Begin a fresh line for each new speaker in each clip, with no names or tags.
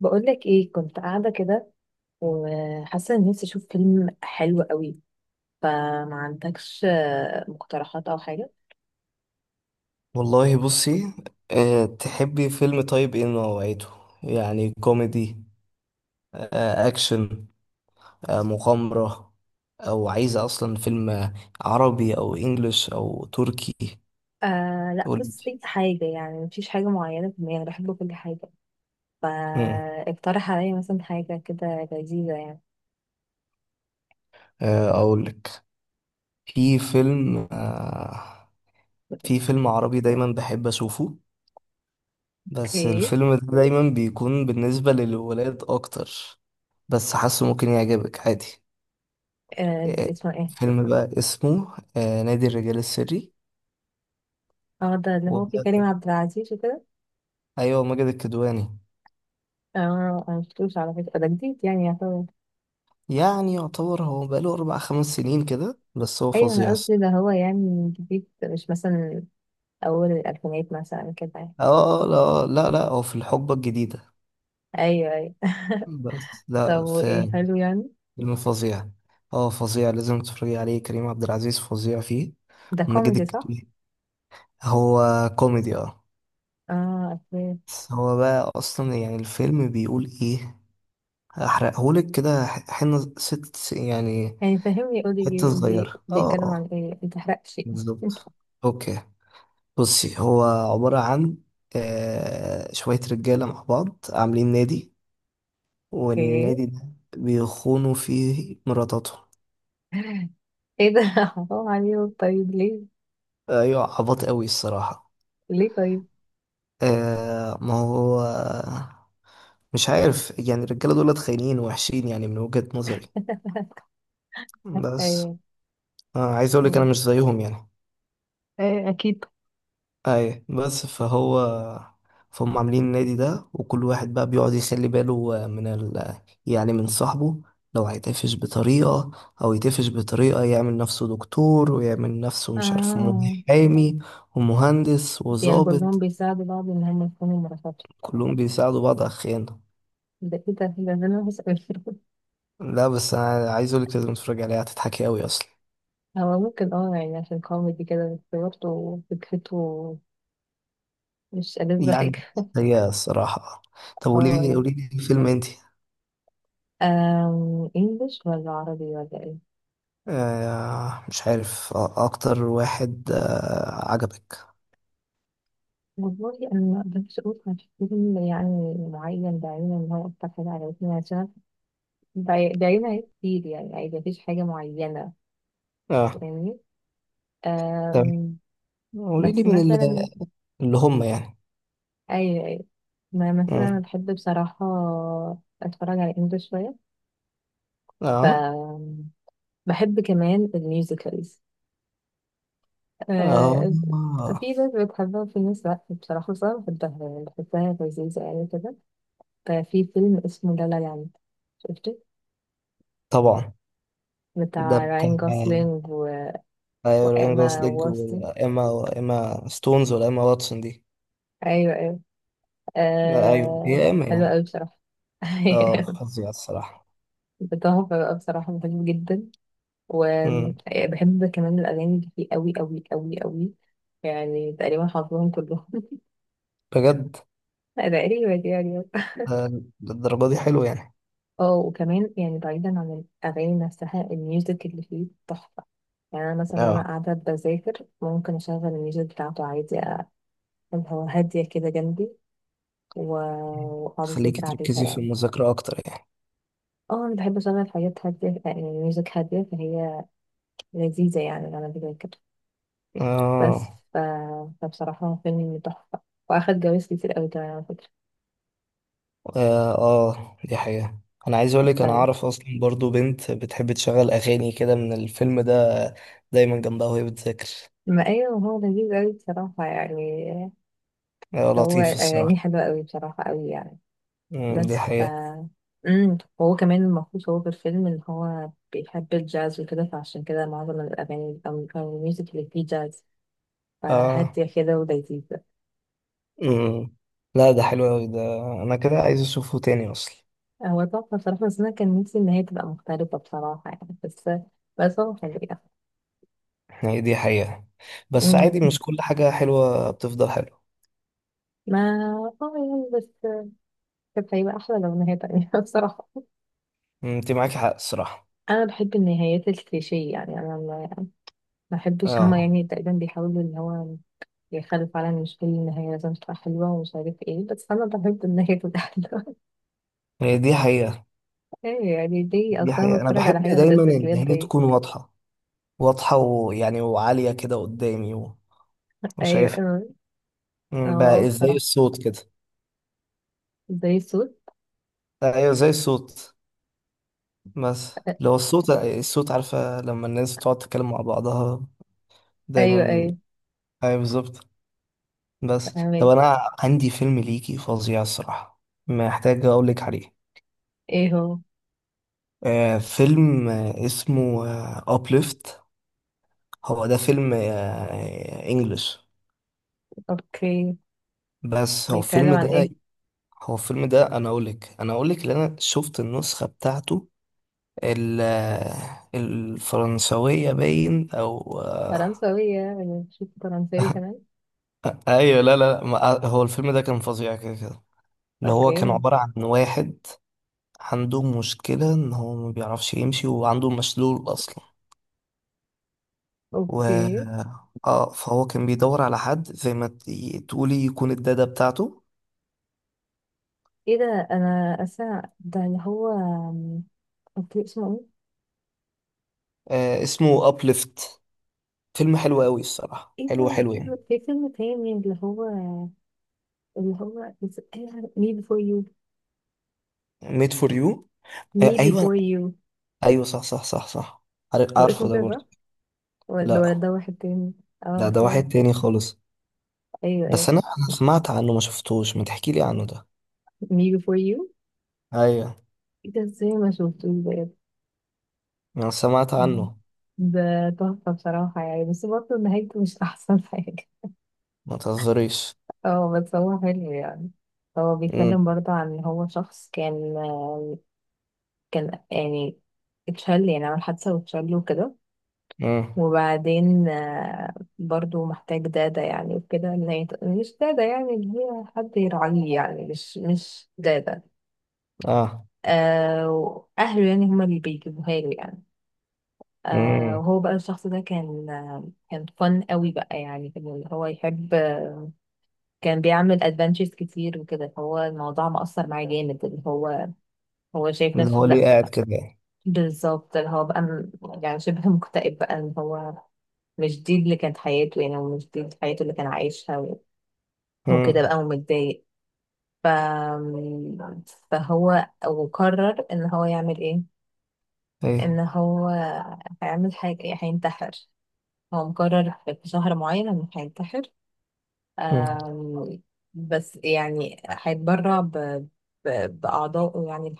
بقولك ايه، كنت قاعدة كده وحاسة ان نفسي اشوف فيلم حلو قوي. فما عندكش مقترحات او حاجة؟
والله بصي، تحبي فيلم، طيب ايه نوعيته؟ يعني كوميدي، اكشن، مغامرة، او عايزة اصلا فيلم عربي او انجليش او تركي؟
لا
قولي.
بص اي حاجة يعني، مفيش حاجة معينة في دماغي، أنا بحب كل حاجة.
مم.
فاقترح عليا مثلا حاجة كده لذيذة يعني.
اقولك، في فيلم أه في فيلم عربي دايما بحب اشوفه، بس
اوكي.
الفيلم ده دايما بيكون بالنسبة للولاد اكتر، بس حاسه ممكن يعجبك عادي.
آه ده
أه
اسمه ايه؟
فيلم بقى اسمه نادي الرجال السري.
اه ده اللي
و...
هو فيه كريم عبد العزيز وكده.
ايوه، ماجد الكدواني.
اه انا مشفتوش على فكرة، ده جديد يعني يعتبر.
يعني يعتبر، هو بقاله 4 5 سنين كده، بس هو
ايوه
فظيع
انا قلت
الصراحة.
ده هو يعني جديد، مش مثلا اول الالفينات مثلا كده يعني.
اه، لا لا لا، هو في الحقبة الجديدة.
ايوه ايوه.
بس
طب
لا،
وإيه
في
حلو يعني؟
فيلم فظيع، اه فظيع، لازم تتفرجي عليه، كريم عبد العزيز فظيع فيه،
ده
ماجد
كوميدي صح؟
الكدواني، هو كوميدي، اه.
اه أوكي.
بس هو بقى اصلا يعني الفيلم بيقول ايه، هحرقهولك كده، حنة ست يعني،
يعني فهمني، قولي
حتة
بي بي
صغيرة، اه
بيتكلم عن
اه،
ايه، متحرقش يعني.
بالظبط. اوكي، بصي، هو عبارة عن شوية رجالة مع بعض عاملين نادي،
ايه
والنادي ده بيخونوا فيه مراتاتهم.
ايه ده حرام عليهم، طيب ليه؟
أيوة، عبط قوي الصراحة.
ليه طيب؟
ما هو مش عارف، يعني الرجالة دول خاينين وحشين يعني من وجهة نظري. بس
ايوه.
عايز أقولك أنا مش زيهم يعني.
اكيد.
اي، بس فهم عاملين النادي ده، وكل واحد بقى بيقعد يخلي باله من يعني من صاحبه، لو هيتقفش بطريقة، او يتقفش بطريقة يعمل نفسه دكتور، ويعمل نفسه مش عارف
اه
محامي ومهندس
يعني كلهم
وظابط.
بيساعدوا بعض ان هم يكونوا مرافقات؟
كلهم بيساعدوا بعض على الخيانة.
ده ايه ده، انا بس.
لا، بس انا عايز اقولك لازم تتفرج عليها، هتضحكي قوي اصلا
هو ممكن اه يعني، عشان كوميدي كده، بس برضه فكرته مش ألذ حاجة.
يعني، هي الصراحة. طب، قولي
اه
لي،
يعني،
قولي لي فيلم انتي.
انجلش ولا عربي ولا ايه؟
مش عارف، اكتر واحد عجبك.
والله أنا ما أقدرش أقول كان في فيلم يعني معين بعينه إن هو أكتر حاجة عجبتني، عشان بعينها هي كتير يعني، عادي مفيش حاجة معينة.
اه،
فاهمني.
تمام،
أم،
قولي لي
بس
من
مثلا
اللي هم يعني.
أي ما مثلا أنا
مم.
بحب بصراحة أتفرج على إنجلش شوية. ف
اه
بحب كمان الميوزيكالز.
اه،
أه، في ناس بتحبها وفي ناس لأ بصراحة، بس أنا بحبها، يعني بحسها لذيذة يعني كده. ففي فيلم اسمه لا لا لاند، شفته،
طبعا. ده
بتاع
بتاع
راين جوسلينج
راين
وإيما
جوسلينج،
واتسون.
وايما وايما ستونز، ولا ايما واتسون دي؟
أيوة أيوة.
لا، ايوه، هي ايما
حلوة
يعني،
أوي بصراحة.
اه فظيعة الصراحة.
تحفة بقى بصراحة، بحبه جدا.
مم.
وبحب كمان الأغاني اللي فيه أوي أوي أوي أوي، يعني تقريبا حافظهم كلهم.
بجد؟
تقريبا يعني.
آه، للدرجة دي حلو يعني؟
اه وكمان يعني بعيدا عن الأغاني نفسها، الميوزك اللي فيه تحفة. يعني أنا مثلا وأنا
اه،
قاعدة بذاكر ممكن أشغل الميوزك بتاعته عادي، اللي هو هادية كده جنبي، و- وأقعد
خليكي
أذاكر عليها
تركزي في
يعني.
المذاكرة اكتر يعني.
اه انا بحب اسمع الحاجات هادية، يعني ميوزك هادية، فهي لذيذة يعني غالبا كده كده. بس
اه
ف... فبصراحة هو فيلم تحفة، واخد جوائز كتير اوي كمان على فكرة.
اه، دي حقيقة. انا عايز اقولك انا
ف...
اعرف اصلا برضو بنت بتحب تشغل اغاني كده من الفيلم ده، دايما جنبها وهي بتذاكر.
ما ايوه هو لذيذ اوي بصراحة يعني. هو
لطيف الصراحة.
اغانيه حلوة اوي بصراحة اوي يعني.
مم، دي
بس ف
حقيقة.
هو كمان المفروض هو في الفيلم ان هو بيحب الجاز وكده، فعشان كده معظم الاغاني او الميوزك اللي فيه جاز،
اه،
فهادية كده ولذيذة.
مم. لا، ده حلو اوي ده، انا كده عايز اشوفه تاني اصلا.
هو تحفة بصراحة، بس أنا كان نفسي إن هي تبقى مختلفة بصراحة يعني، بس هو حلو يعني.
يعني دي حقيقة، بس
أمم.
عادي مش كل حاجة حلوة بتفضل حلوة.
ما اه يعني، بس كانت هيبقى أحلى لو نهاية تانية بصراحة.
مم، انت معاكي حق الصراحة.
أنا بحب النهايات الكليشيه يعني، أنا ما بحبش هما
اه،
يعني تقريبا بيحاولوا إن هو يخلوا فعلا مش كل النهاية لازم تبقى حلوة ومش عارف ايه، بس أنا بحب النهاية تبقى حلوة.
هي دي حقيقة،
ايه يعني دي،
دي
أصلا
حقيقة. انا
بتفرج على
بحب
حاجة
دايما
تبسط
ان
ليه
هي
دي.
تكون واضحة واضحة، ويعني وعالية كده قدامي،
أيوه
وشايفها.
أيوه. اه
مم. بقى إيه، زي
بصراحة
الصوت كده.
زي الصوت.
ايوه، زي الصوت. بس لو الصوت عارفة لما الناس تقعد تتكلم مع بعضها
أيوه
دايما.
أيوه.
ايوه بالظبط. بس طب
فاهمك.
انا عندي فيلم ليكي فظيع الصراحة، محتاج اقولك عليه.
ايه هو؟
فيلم اسمه ابليفت. هو ده فيلم انجلش،
اوكي،
بس
بيتكلم عن ايه؟
هو الفيلم ده، انا اقولك ان انا شفت النسخة بتاعته، ال الفرنسوية باين، أو.
فرنساوية، بنشوف فرنساوي كمان.
أيوة لا لا لا، هو الفيلم ده كان فظيع كده كده. اللي
طب
هو كان
جامد.
عبارة عن واحد عنده مشكلة إن هو ما بيعرفش يمشي، وعنده مشلول أصلا. و
اوكي.
اه فهو كان بيدور على حد، زي ما تقولي يكون الدادا بتاعته.
ايه ده؟ انا اسا ده اللي هو، اوكي اسمه
اسمه أبليفت. فيلم حلو قوي الصراحة،
ايه؟ ايه
حلو
ده،
حلو
في
يعني.
في فيلم تاني، اللي هو إيه؟ me before you.
ميد فور يو؟ آه
me
أيوة،
before you.
أيوة صح صح صح صح،
هو
عارفه
اسمه
ده
كده صح،
برضه.
ولا
لا،
ده واحد تاني؟ اه
لا ده
فاهم.
واحد تاني خالص.
ايوه
بس
ايوه.
انا سمعت عنه، ما شفتوش، ما تحكي لي عنه ده.
me before you.
ايوه،
ايه ده، ازاي ما شفتوش ده؟
انا سمعت عنه.
ده تحفة بصراحة يعني، بس برضه نهايته مش أحسن حاجة.
ما تهزريش.
اه بس هو حلو يعني. هو
امم،
بيتكلم برضه عن ان هو شخص كان، كان يعني اتشل يعني، عمل حادثة واتشل وكده.
امم،
وبعدين برضه محتاج دادة يعني وكده، إن مش دادة يعني، اللي هي حد يراعيه يعني، مش دادة.
اه،
آه وأهله يعني هما اللي بيجيبوها له يعني. آه
امم،
وهو بقى الشخص ده كان كان فن قوي بقى يعني، كان اللي هو يحب، كان بيعمل ادفنتشرز كتير وكده. هو الموضوع مأثر معاه جامد، اللي هو هو شايف
اللي
نفسه
هو ليه
لا.
قاعد كده يعني؟
بالظبط، اللي هو بقى يعني شبه مكتئب بقى، اللي هو مش دي اللي كانت حياته يعني، ومش دي حياته اللي كان عايشها، وكده
امم،
بقى ومتضايق. ف... فهو وقرر ان هو يعمل ايه؟
ايه؟
ان هو هيعمل حاجة، هينتحر. هو مقرر في شهر معين انه هينتحر.
امم،
أم... بس يعني هيتبرع بأعضائه يعني.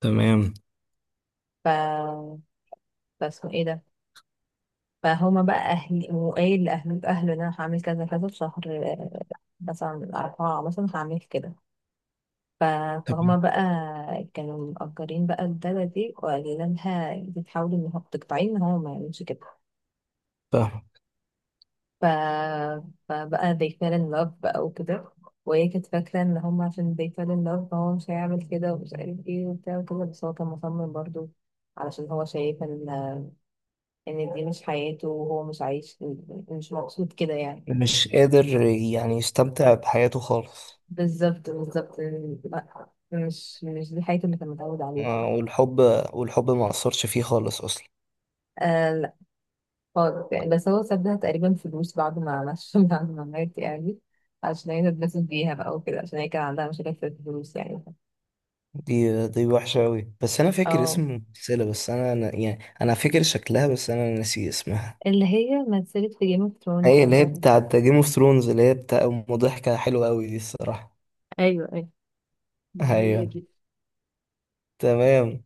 تمام،
ف فاسمه ايه ده، فهما بقى اهلي وقايل اهله ان انا هعمل كذا كذا في شهر مثلا اربعة مثلا هعمل كده. ف- فهما
تمام،
بقى كانوا مأجرين بقى الدادة دي وقالوا لها انتي تحاولي ان هو تقطعيه، ان هو ما يعملش كده.
فاهم.
ف... فبقى they fell in love بقى وكده. وهي كانت فاكرة ان هما عشان they fell in love فهو مش هيعمل كده ومش عارف ايه وبتاع وكده، بس هو كان مصمم برضه علشان هو شايف ان دي مش حياته وهو مش عايش، مش مبسوط كده يعني.
مش قادر يعني يستمتع بحياته خالص.
بالظبط بالظبط. لا مش دي حياته اللي كان متعود عليها.
والحب، ما اثرش فيه خالص اصلا.
آه لا خالص يعني. بس هو سابها تقريبا فلوس بعد ما عملش بعد ما مات يعني، عشان هي تتبسط بيها بقى وكده، عشان هي كان عندها مشاكل في الفلوس يعني.
دي وحشة أوي. بس أنا فاكر اسم
اه.
الممثلة، بس أنا يعني أنا فاكر شكلها، بس أنا ناسي اسمها.
اللي هي مثلت في جيم اوف ثرونز
هي
لو
اللي
انت
هي
فاكر.
بتاعت جيم اوف ثرونز، اللي هي بتاع، ضحكة حلوة أوي دي الصراحة.
ايوه ايوه ما هي
أيوة،
دي.
تمام.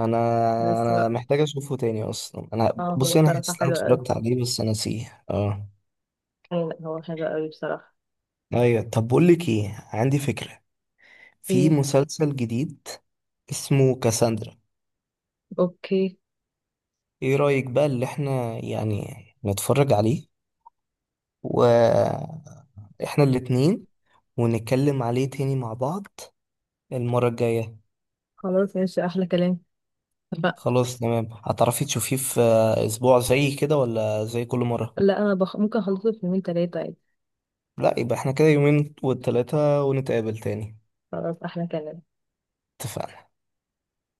أنا
بس
أنا
بقى،
محتاج أشوفه تاني أصلا.
اه
أنا،
هو
بصي، أنا حاسس
بصراحة
إن أنا
حلو قوي.
اتفرجت عليه بس أنا نسيه، أه.
هو حلو قوي بصراحة.
أيوة، طب، بقول لك إيه، عندي فكرة. في
ايه.
مسلسل جديد اسمه كاساندرا.
اوكي.
إيه رأيك بقى اللي إحنا يعني نتفرج عليه، و إحنا الاتنين، ونتكلم عليه تاني مع بعض المرة الجاية؟
خلاص ماشي، احلى كلام. لا.
خلاص، تمام. هتعرفي تشوفيه في اسبوع زي كده، ولا زي كل مرة؟
لا انا ممكن اخلصه في يومين تلاتة عادي.
لا، يبقى احنا كده يومين والتلاتة، ونتقابل تاني.
خلاص احلى كلام.
اتفقنا.